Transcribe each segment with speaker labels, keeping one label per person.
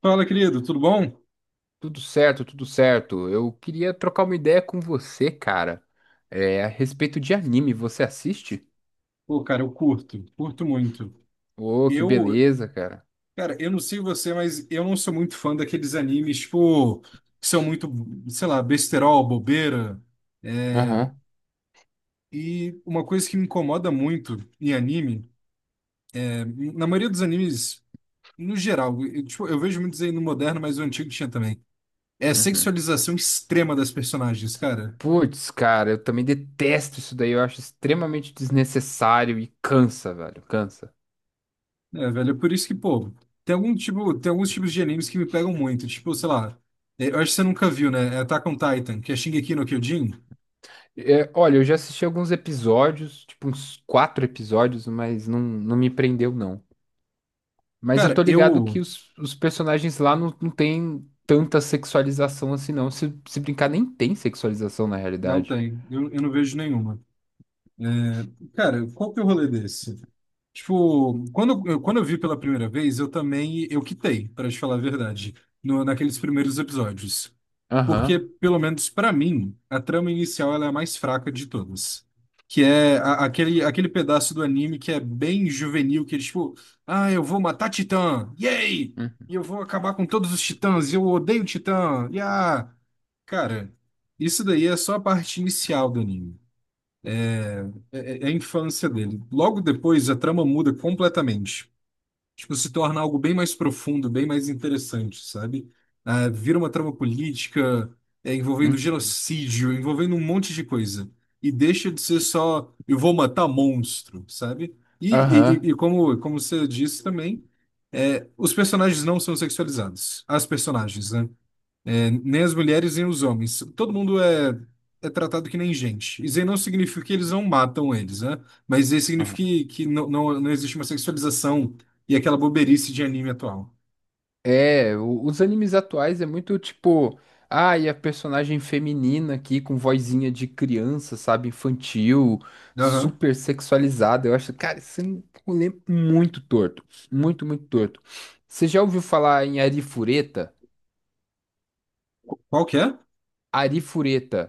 Speaker 1: Fala, querido, tudo bom?
Speaker 2: Tudo certo, tudo certo. Eu queria trocar uma ideia com você, cara. É, a respeito de anime, você assiste?
Speaker 1: Pô, cara, eu curto, curto muito.
Speaker 2: Ô, que
Speaker 1: Eu,
Speaker 2: beleza, cara.
Speaker 1: Cara, eu não sei você, mas eu não sou muito fã daqueles animes, tipo, que são muito, sei lá, besterol, bobeira.
Speaker 2: Aham.
Speaker 1: E uma coisa que me incomoda muito em anime, na maioria dos animes, no geral, eu, tipo, eu vejo muitos aí no moderno, mas o antigo tinha também, é a
Speaker 2: Uhum.
Speaker 1: sexualização extrema das personagens, cara.
Speaker 2: Putz, cara, eu também detesto isso daí. Eu acho extremamente desnecessário e cansa, velho. Cansa.
Speaker 1: É, velho, por isso que, pô, tem alguns tipos de animes que me pegam muito, tipo, sei lá, eu acho que você nunca viu, né? É Attack on Titan, que é Shingeki no Kyojin.
Speaker 2: É, olha, eu já assisti alguns episódios, tipo uns quatro episódios, mas não me prendeu, não. Mas eu
Speaker 1: Cara,
Speaker 2: tô ligado
Speaker 1: eu
Speaker 2: que os personagens lá não tem tanta sexualização assim, não. Se brincar, nem tem sexualização na
Speaker 1: não
Speaker 2: realidade.
Speaker 1: tenho, eu não vejo nenhuma. É, cara, qual que é o rolê desse? Tipo, quando eu vi pela primeira vez, eu também, eu quitei, para te falar a verdade, no, naqueles primeiros episódios. Porque,
Speaker 2: Aham.
Speaker 1: pelo menos pra mim, a trama inicial ela é a mais fraca de todas. Que é aquele pedaço do anime que é bem juvenil, que é tipo, ah, eu vou matar Titã, yay!
Speaker 2: Uhum.
Speaker 1: E eu vou acabar com todos os titãs, e eu odeio Titã, yeah! Cara, isso daí é só a parte inicial do anime. É a infância dele. Logo depois, a trama muda completamente. Tipo, se torna algo bem mais profundo, bem mais interessante, sabe? Ah, vira uma trama política, é, envolvendo
Speaker 2: Uhum.
Speaker 1: genocídio, envolvendo um monte de coisa. E deixa de ser só, eu vou matar monstro, sabe? E, e, e-
Speaker 2: Aham.
Speaker 1: e como, você disse também, é, os personagens não são sexualizados. As personagens, né? É, nem as mulheres, nem os homens. Todo mundo é, é tratado que nem gente. Isso aí não significa que eles não matam eles, né? Mas isso aí
Speaker 2: Aham.
Speaker 1: significa que não existe uma sexualização e aquela boberice de anime atual.
Speaker 2: É, os animes atuais é muito tipo, ah, e a personagem feminina aqui com vozinha de criança, sabe, infantil,
Speaker 1: Aham.
Speaker 2: super sexualizada. Eu acho, cara, isso é um rolê é muito torto, muito, muito torto. Você já ouviu falar em Arifureta?
Speaker 1: Qual que é?
Speaker 2: Arifureta.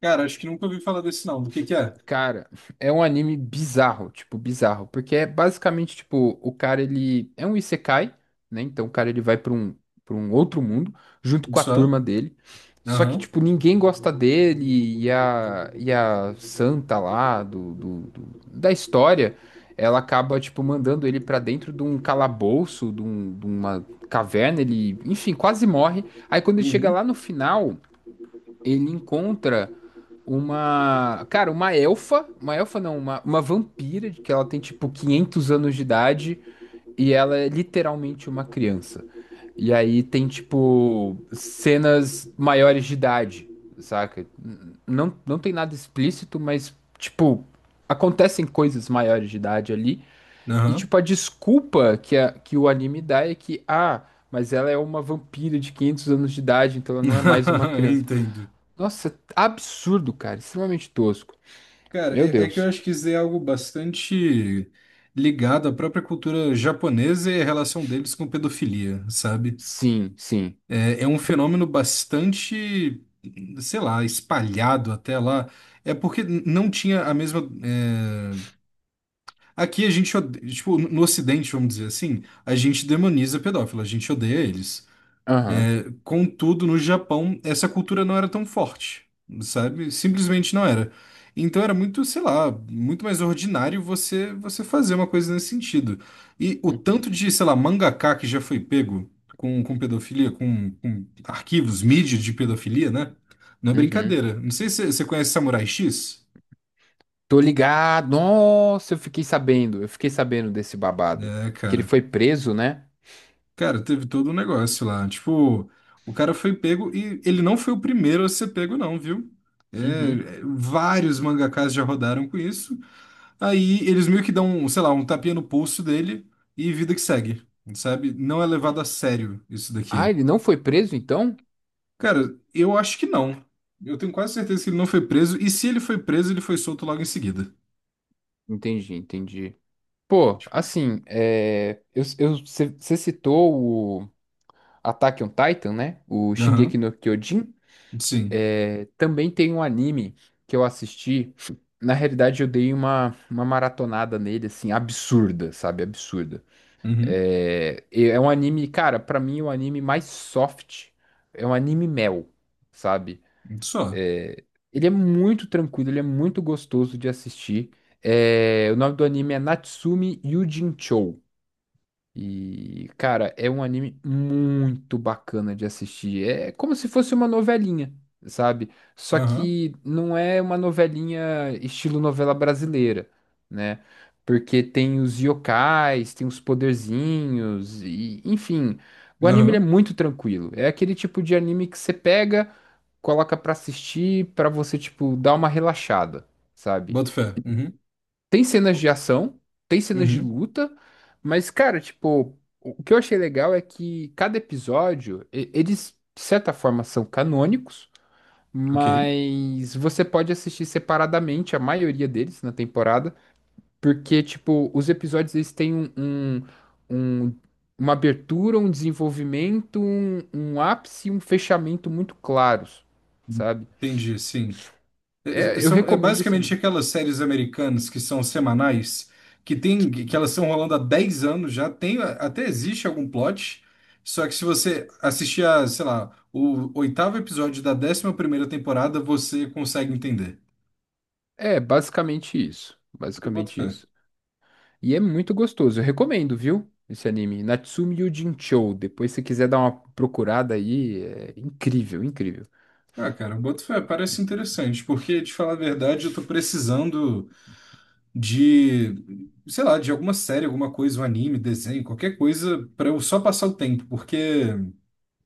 Speaker 1: Cara, acho que nunca ouvi falar desse não. Do que é?
Speaker 2: Cara, é um anime bizarro, tipo, bizarro, porque é basicamente, tipo, o cara, ele é um isekai, né? Então o cara, ele vai pra pra um outro mundo, junto com a
Speaker 1: Isso é?
Speaker 2: turma dele, só que,
Speaker 1: Aham.
Speaker 2: tipo, ninguém gosta dele, e a santa lá da história, ela acaba, tipo, mandando ele pra dentro de um calabouço, de, de uma caverna, ele, enfim, quase morre, aí quando ele chega
Speaker 1: Uhum.
Speaker 2: lá no final, ele encontra uma. Cara, uma elfa. Uma elfa não, uma vampira, de que ela tem tipo 500 anos de idade e ela é literalmente uma criança. E aí tem tipo cenas maiores de idade, saca? Não tem nada explícito, mas tipo acontecem coisas maiores de idade ali. E
Speaker 1: Aham.
Speaker 2: tipo a desculpa que, a, que o anime dá é que, ah, mas ela é uma vampira de 500 anos de idade, então ela não é mais uma criança.
Speaker 1: Entendo.
Speaker 2: Nossa, é absurdo, cara, extremamente tosco.
Speaker 1: Cara,
Speaker 2: Meu
Speaker 1: é que eu
Speaker 2: Deus.
Speaker 1: acho que isso é algo bastante ligado à própria cultura japonesa e a relação deles com pedofilia, sabe?
Speaker 2: Sim, sim.
Speaker 1: É, é um fenômeno bastante, sei lá, espalhado até lá. É porque não tinha a mesma. Aqui a gente, tipo, no Ocidente, vamos dizer assim, a gente demoniza pedófilo, a gente odeia eles.
Speaker 2: Aham.
Speaker 1: Contudo, no Japão, essa cultura não era tão forte, sabe? Simplesmente não era. Então era muito, sei lá, muito mais ordinário você fazer uma coisa nesse sentido. E o tanto de, sei lá, mangaka que já foi pego com, pedofilia, com arquivos, mídia de pedofilia, né? Não é
Speaker 2: Uhum.
Speaker 1: brincadeira. Não sei se você conhece Samurai X.
Speaker 2: Tô ligado. Nossa, eu fiquei sabendo. Eu fiquei sabendo desse babado.
Speaker 1: É,
Speaker 2: Que ele
Speaker 1: cara.
Speaker 2: foi preso, né?
Speaker 1: Cara, teve todo um negócio lá. Tipo, o cara foi pego e ele não foi o primeiro a ser pego, não, viu? É,
Speaker 2: Uhum.
Speaker 1: é, vários mangakás já rodaram com isso. Aí eles meio que dão, sei lá, um tapinha no pulso dele e vida que segue, sabe? Não é levado a sério isso
Speaker 2: Ah,
Speaker 1: daqui.
Speaker 2: ele não foi preso, então?
Speaker 1: Cara, eu acho que não. Eu tenho quase certeza que ele não foi preso. E se ele foi preso, ele foi solto logo em seguida.
Speaker 2: Entendi, entendi. Pô,
Speaker 1: Tipo,
Speaker 2: assim, é, você citou o Attack on Titan, né? O
Speaker 1: aham,
Speaker 2: Shingeki no Kyojin.
Speaker 1: sim.
Speaker 2: É, também tem um anime que eu assisti. Na realidade, eu dei uma maratonada nele, assim, absurda, sabe? Absurda.
Speaker 1: Uhum,
Speaker 2: É, é um anime, cara, pra mim é um anime mais soft. É um anime mel, sabe?
Speaker 1: só.
Speaker 2: Ele é muito tranquilo, ele é muito gostoso de assistir. É, o nome do anime é Natsume Yuujinchou. E, cara, é um anime muito bacana de assistir. É como se fosse uma novelinha, sabe? Só
Speaker 1: Aham,
Speaker 2: que não é uma novelinha estilo novela brasileira, né? Porque tem os yokais, tem os poderzinhos, e, enfim. O anime ele é
Speaker 1: aham.
Speaker 2: muito tranquilo. É aquele tipo de anime que você pega, coloca pra assistir, pra você, tipo, dar uma relaxada, sabe?
Speaker 1: Bota fé. Uhum,
Speaker 2: Tem cenas de
Speaker 1: co-
Speaker 2: ação, tem cenas de
Speaker 1: uhum,
Speaker 2: luta, mas, cara, tipo, o que eu achei legal é que cada episódio, eles, de certa forma, são canônicos,
Speaker 1: ok.
Speaker 2: mas você pode assistir separadamente a maioria deles na temporada, porque, tipo, os episódios, eles têm um- uma abertura, um desenvolvimento, um ápice e um fechamento muito claros, sabe?
Speaker 1: Entendi, sim. É, é- é,
Speaker 2: É, eu
Speaker 1: são, é
Speaker 2: recomendo esse
Speaker 1: basicamente
Speaker 2: anime.
Speaker 1: aquelas séries americanas que são semanais, que tem, que elas estão rolando há 10 anos já, tem, até existe algum plot, só que se você assistir a, sei lá, o oitavo episódio da 11ª temporada, você consegue entender.
Speaker 2: É, basicamente isso.
Speaker 1: Eu boto
Speaker 2: Basicamente
Speaker 1: fé.
Speaker 2: isso. E é muito gostoso. Eu recomendo, viu? Esse anime, Natsume Yuujinchou. Depois, se quiser dar uma procurada aí, é incrível, incrível.
Speaker 1: Ah, cara, eu boto fé, parece interessante, porque, de falar a verdade, eu tô precisando de, sei lá, de alguma série, alguma coisa, um anime, desenho, qualquer coisa, pra eu só passar o tempo, porque...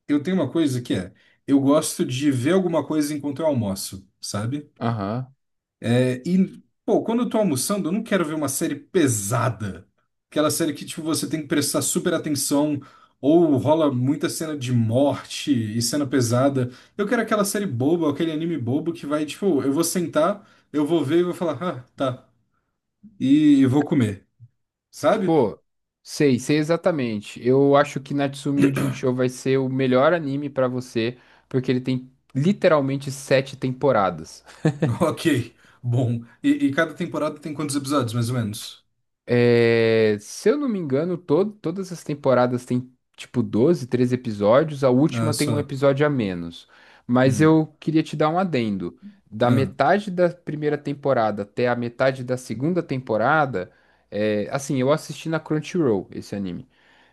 Speaker 1: eu tenho uma coisa que eu gosto de ver alguma coisa enquanto eu almoço, sabe?
Speaker 2: Aham.
Speaker 1: É, e, pô, quando eu tô almoçando, eu não quero ver uma série pesada. Aquela série que, tipo, você tem que prestar super atenção, ou rola muita cena de morte e cena pesada. Eu quero aquela série boba, aquele anime bobo que vai, tipo, eu vou sentar, eu vou ver e vou falar, ah, tá, e vou comer, sabe?
Speaker 2: Pô, sei, sei exatamente. Eu acho que Natsume Yuujinchou vai ser o melhor anime pra você, porque ele tem literalmente 7 temporadas.
Speaker 1: Ok, bom. E cada temporada tem quantos episódios, mais ou menos?
Speaker 2: É, se eu não me engano, todas as temporadas têm tipo 12, 13 episódios, a
Speaker 1: Ah,
Speaker 2: última tem um
Speaker 1: só.
Speaker 2: episódio a menos. Mas
Speaker 1: Hum.
Speaker 2: eu queria te dar um adendo. Da
Speaker 1: Ah,
Speaker 2: metade da primeira temporada até a metade da segunda temporada, é, assim, eu assisti na Crunchyroll esse anime.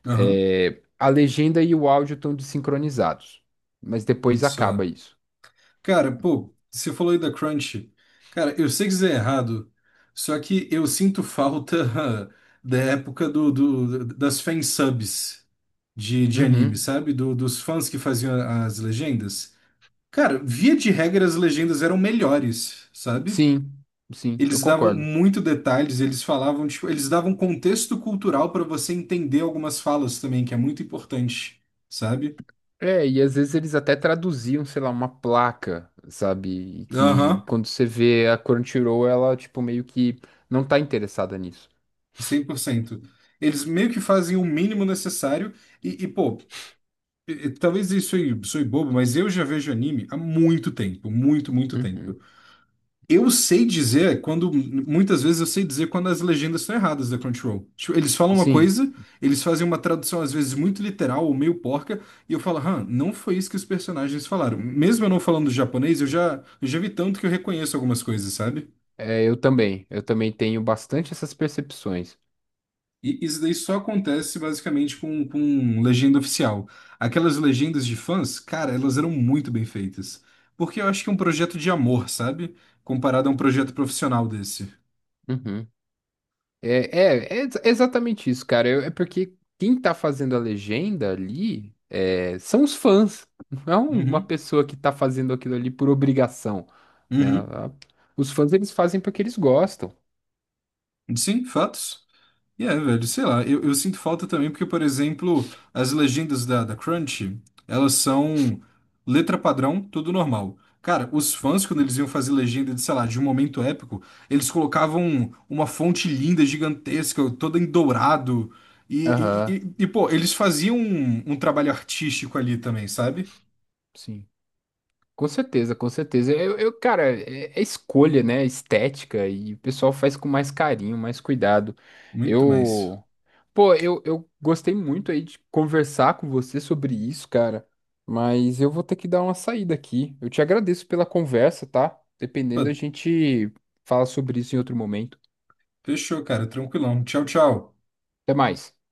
Speaker 1: aham.
Speaker 2: É, a legenda e o áudio estão desincronizados, mas depois
Speaker 1: Só.
Speaker 2: acaba isso.
Speaker 1: Cara, pô, você falou aí da Crunch. Cara, eu sei que isso é errado, só que eu sinto falta da época das fansubs de anime,
Speaker 2: Uhum.
Speaker 1: sabe? Dos fãs que faziam as legendas. Cara, via de regra, as legendas eram melhores, sabe?
Speaker 2: Sim, sim, eu
Speaker 1: Eles davam
Speaker 2: concordo.
Speaker 1: muito detalhes, eles falavam, tipo, eles davam contexto cultural pra você entender algumas falas também, que é muito importante, sabe?
Speaker 2: É, e às vezes eles até traduziam, sei lá, uma placa, sabe? E que
Speaker 1: Aham.
Speaker 2: quando você vê a Crunchyroll, ela, tipo, meio que não tá interessada nisso.
Speaker 1: 100%. Eles meio que fazem o mínimo necessário e, pô, e talvez isso aí soe bobo, mas eu já vejo anime há muito tempo, muito, muito
Speaker 2: Uhum.
Speaker 1: tempo. Eu sei dizer quando, muitas vezes eu sei dizer quando as legendas estão erradas da Crunchyroll. Tipo, eles falam uma
Speaker 2: Sim,
Speaker 1: coisa, eles fazem uma tradução às vezes muito literal ou meio porca, e eu falo, hã, não foi isso que os personagens falaram. Mesmo eu não falando japonês, eu já vi tanto que eu reconheço algumas coisas, sabe?
Speaker 2: é, eu também. Eu também tenho bastante essas percepções.
Speaker 1: E isso daí só acontece basicamente com, legenda oficial. Aquelas legendas de fãs, cara, elas eram muito bem feitas. Porque eu acho que é um projeto de amor, sabe? Comparado a um projeto profissional desse.
Speaker 2: Uhum. É, é exatamente isso, cara. É porque quem tá fazendo a legenda ali é, são os fãs. Não é um, uma
Speaker 1: Uhum,
Speaker 2: pessoa que tá fazendo aquilo ali por obrigação, né?
Speaker 1: uhum.
Speaker 2: Os fãs, eles fazem porque eles gostam.
Speaker 1: Sim, fatos. E é, velho, sei lá, eu sinto falta também porque, por exemplo, as legendas da Crunchy, elas são letra padrão, tudo normal. Cara, os fãs, quando eles iam fazer legenda de, sei lá, de um momento épico, eles colocavam uma fonte linda, gigantesca, toda em dourado. E, e,
Speaker 2: Aham,
Speaker 1: e- e, pô, eles faziam um trabalho artístico ali também, sabe?
Speaker 2: sim. Com certeza, com certeza. Cara, é, é escolha, né? Estética e o pessoal faz com mais carinho, mais cuidado.
Speaker 1: Muito mais.
Speaker 2: Eu, pô, eu gostei muito aí de conversar com você sobre isso, cara. Mas eu vou ter que dar uma saída aqui. Eu te agradeço pela conversa, tá?
Speaker 1: Pô,
Speaker 2: Dependendo, a gente fala sobre isso em outro momento.
Speaker 1: fechou, cara, tranquilão. Tchau, tchau.
Speaker 2: Até mais.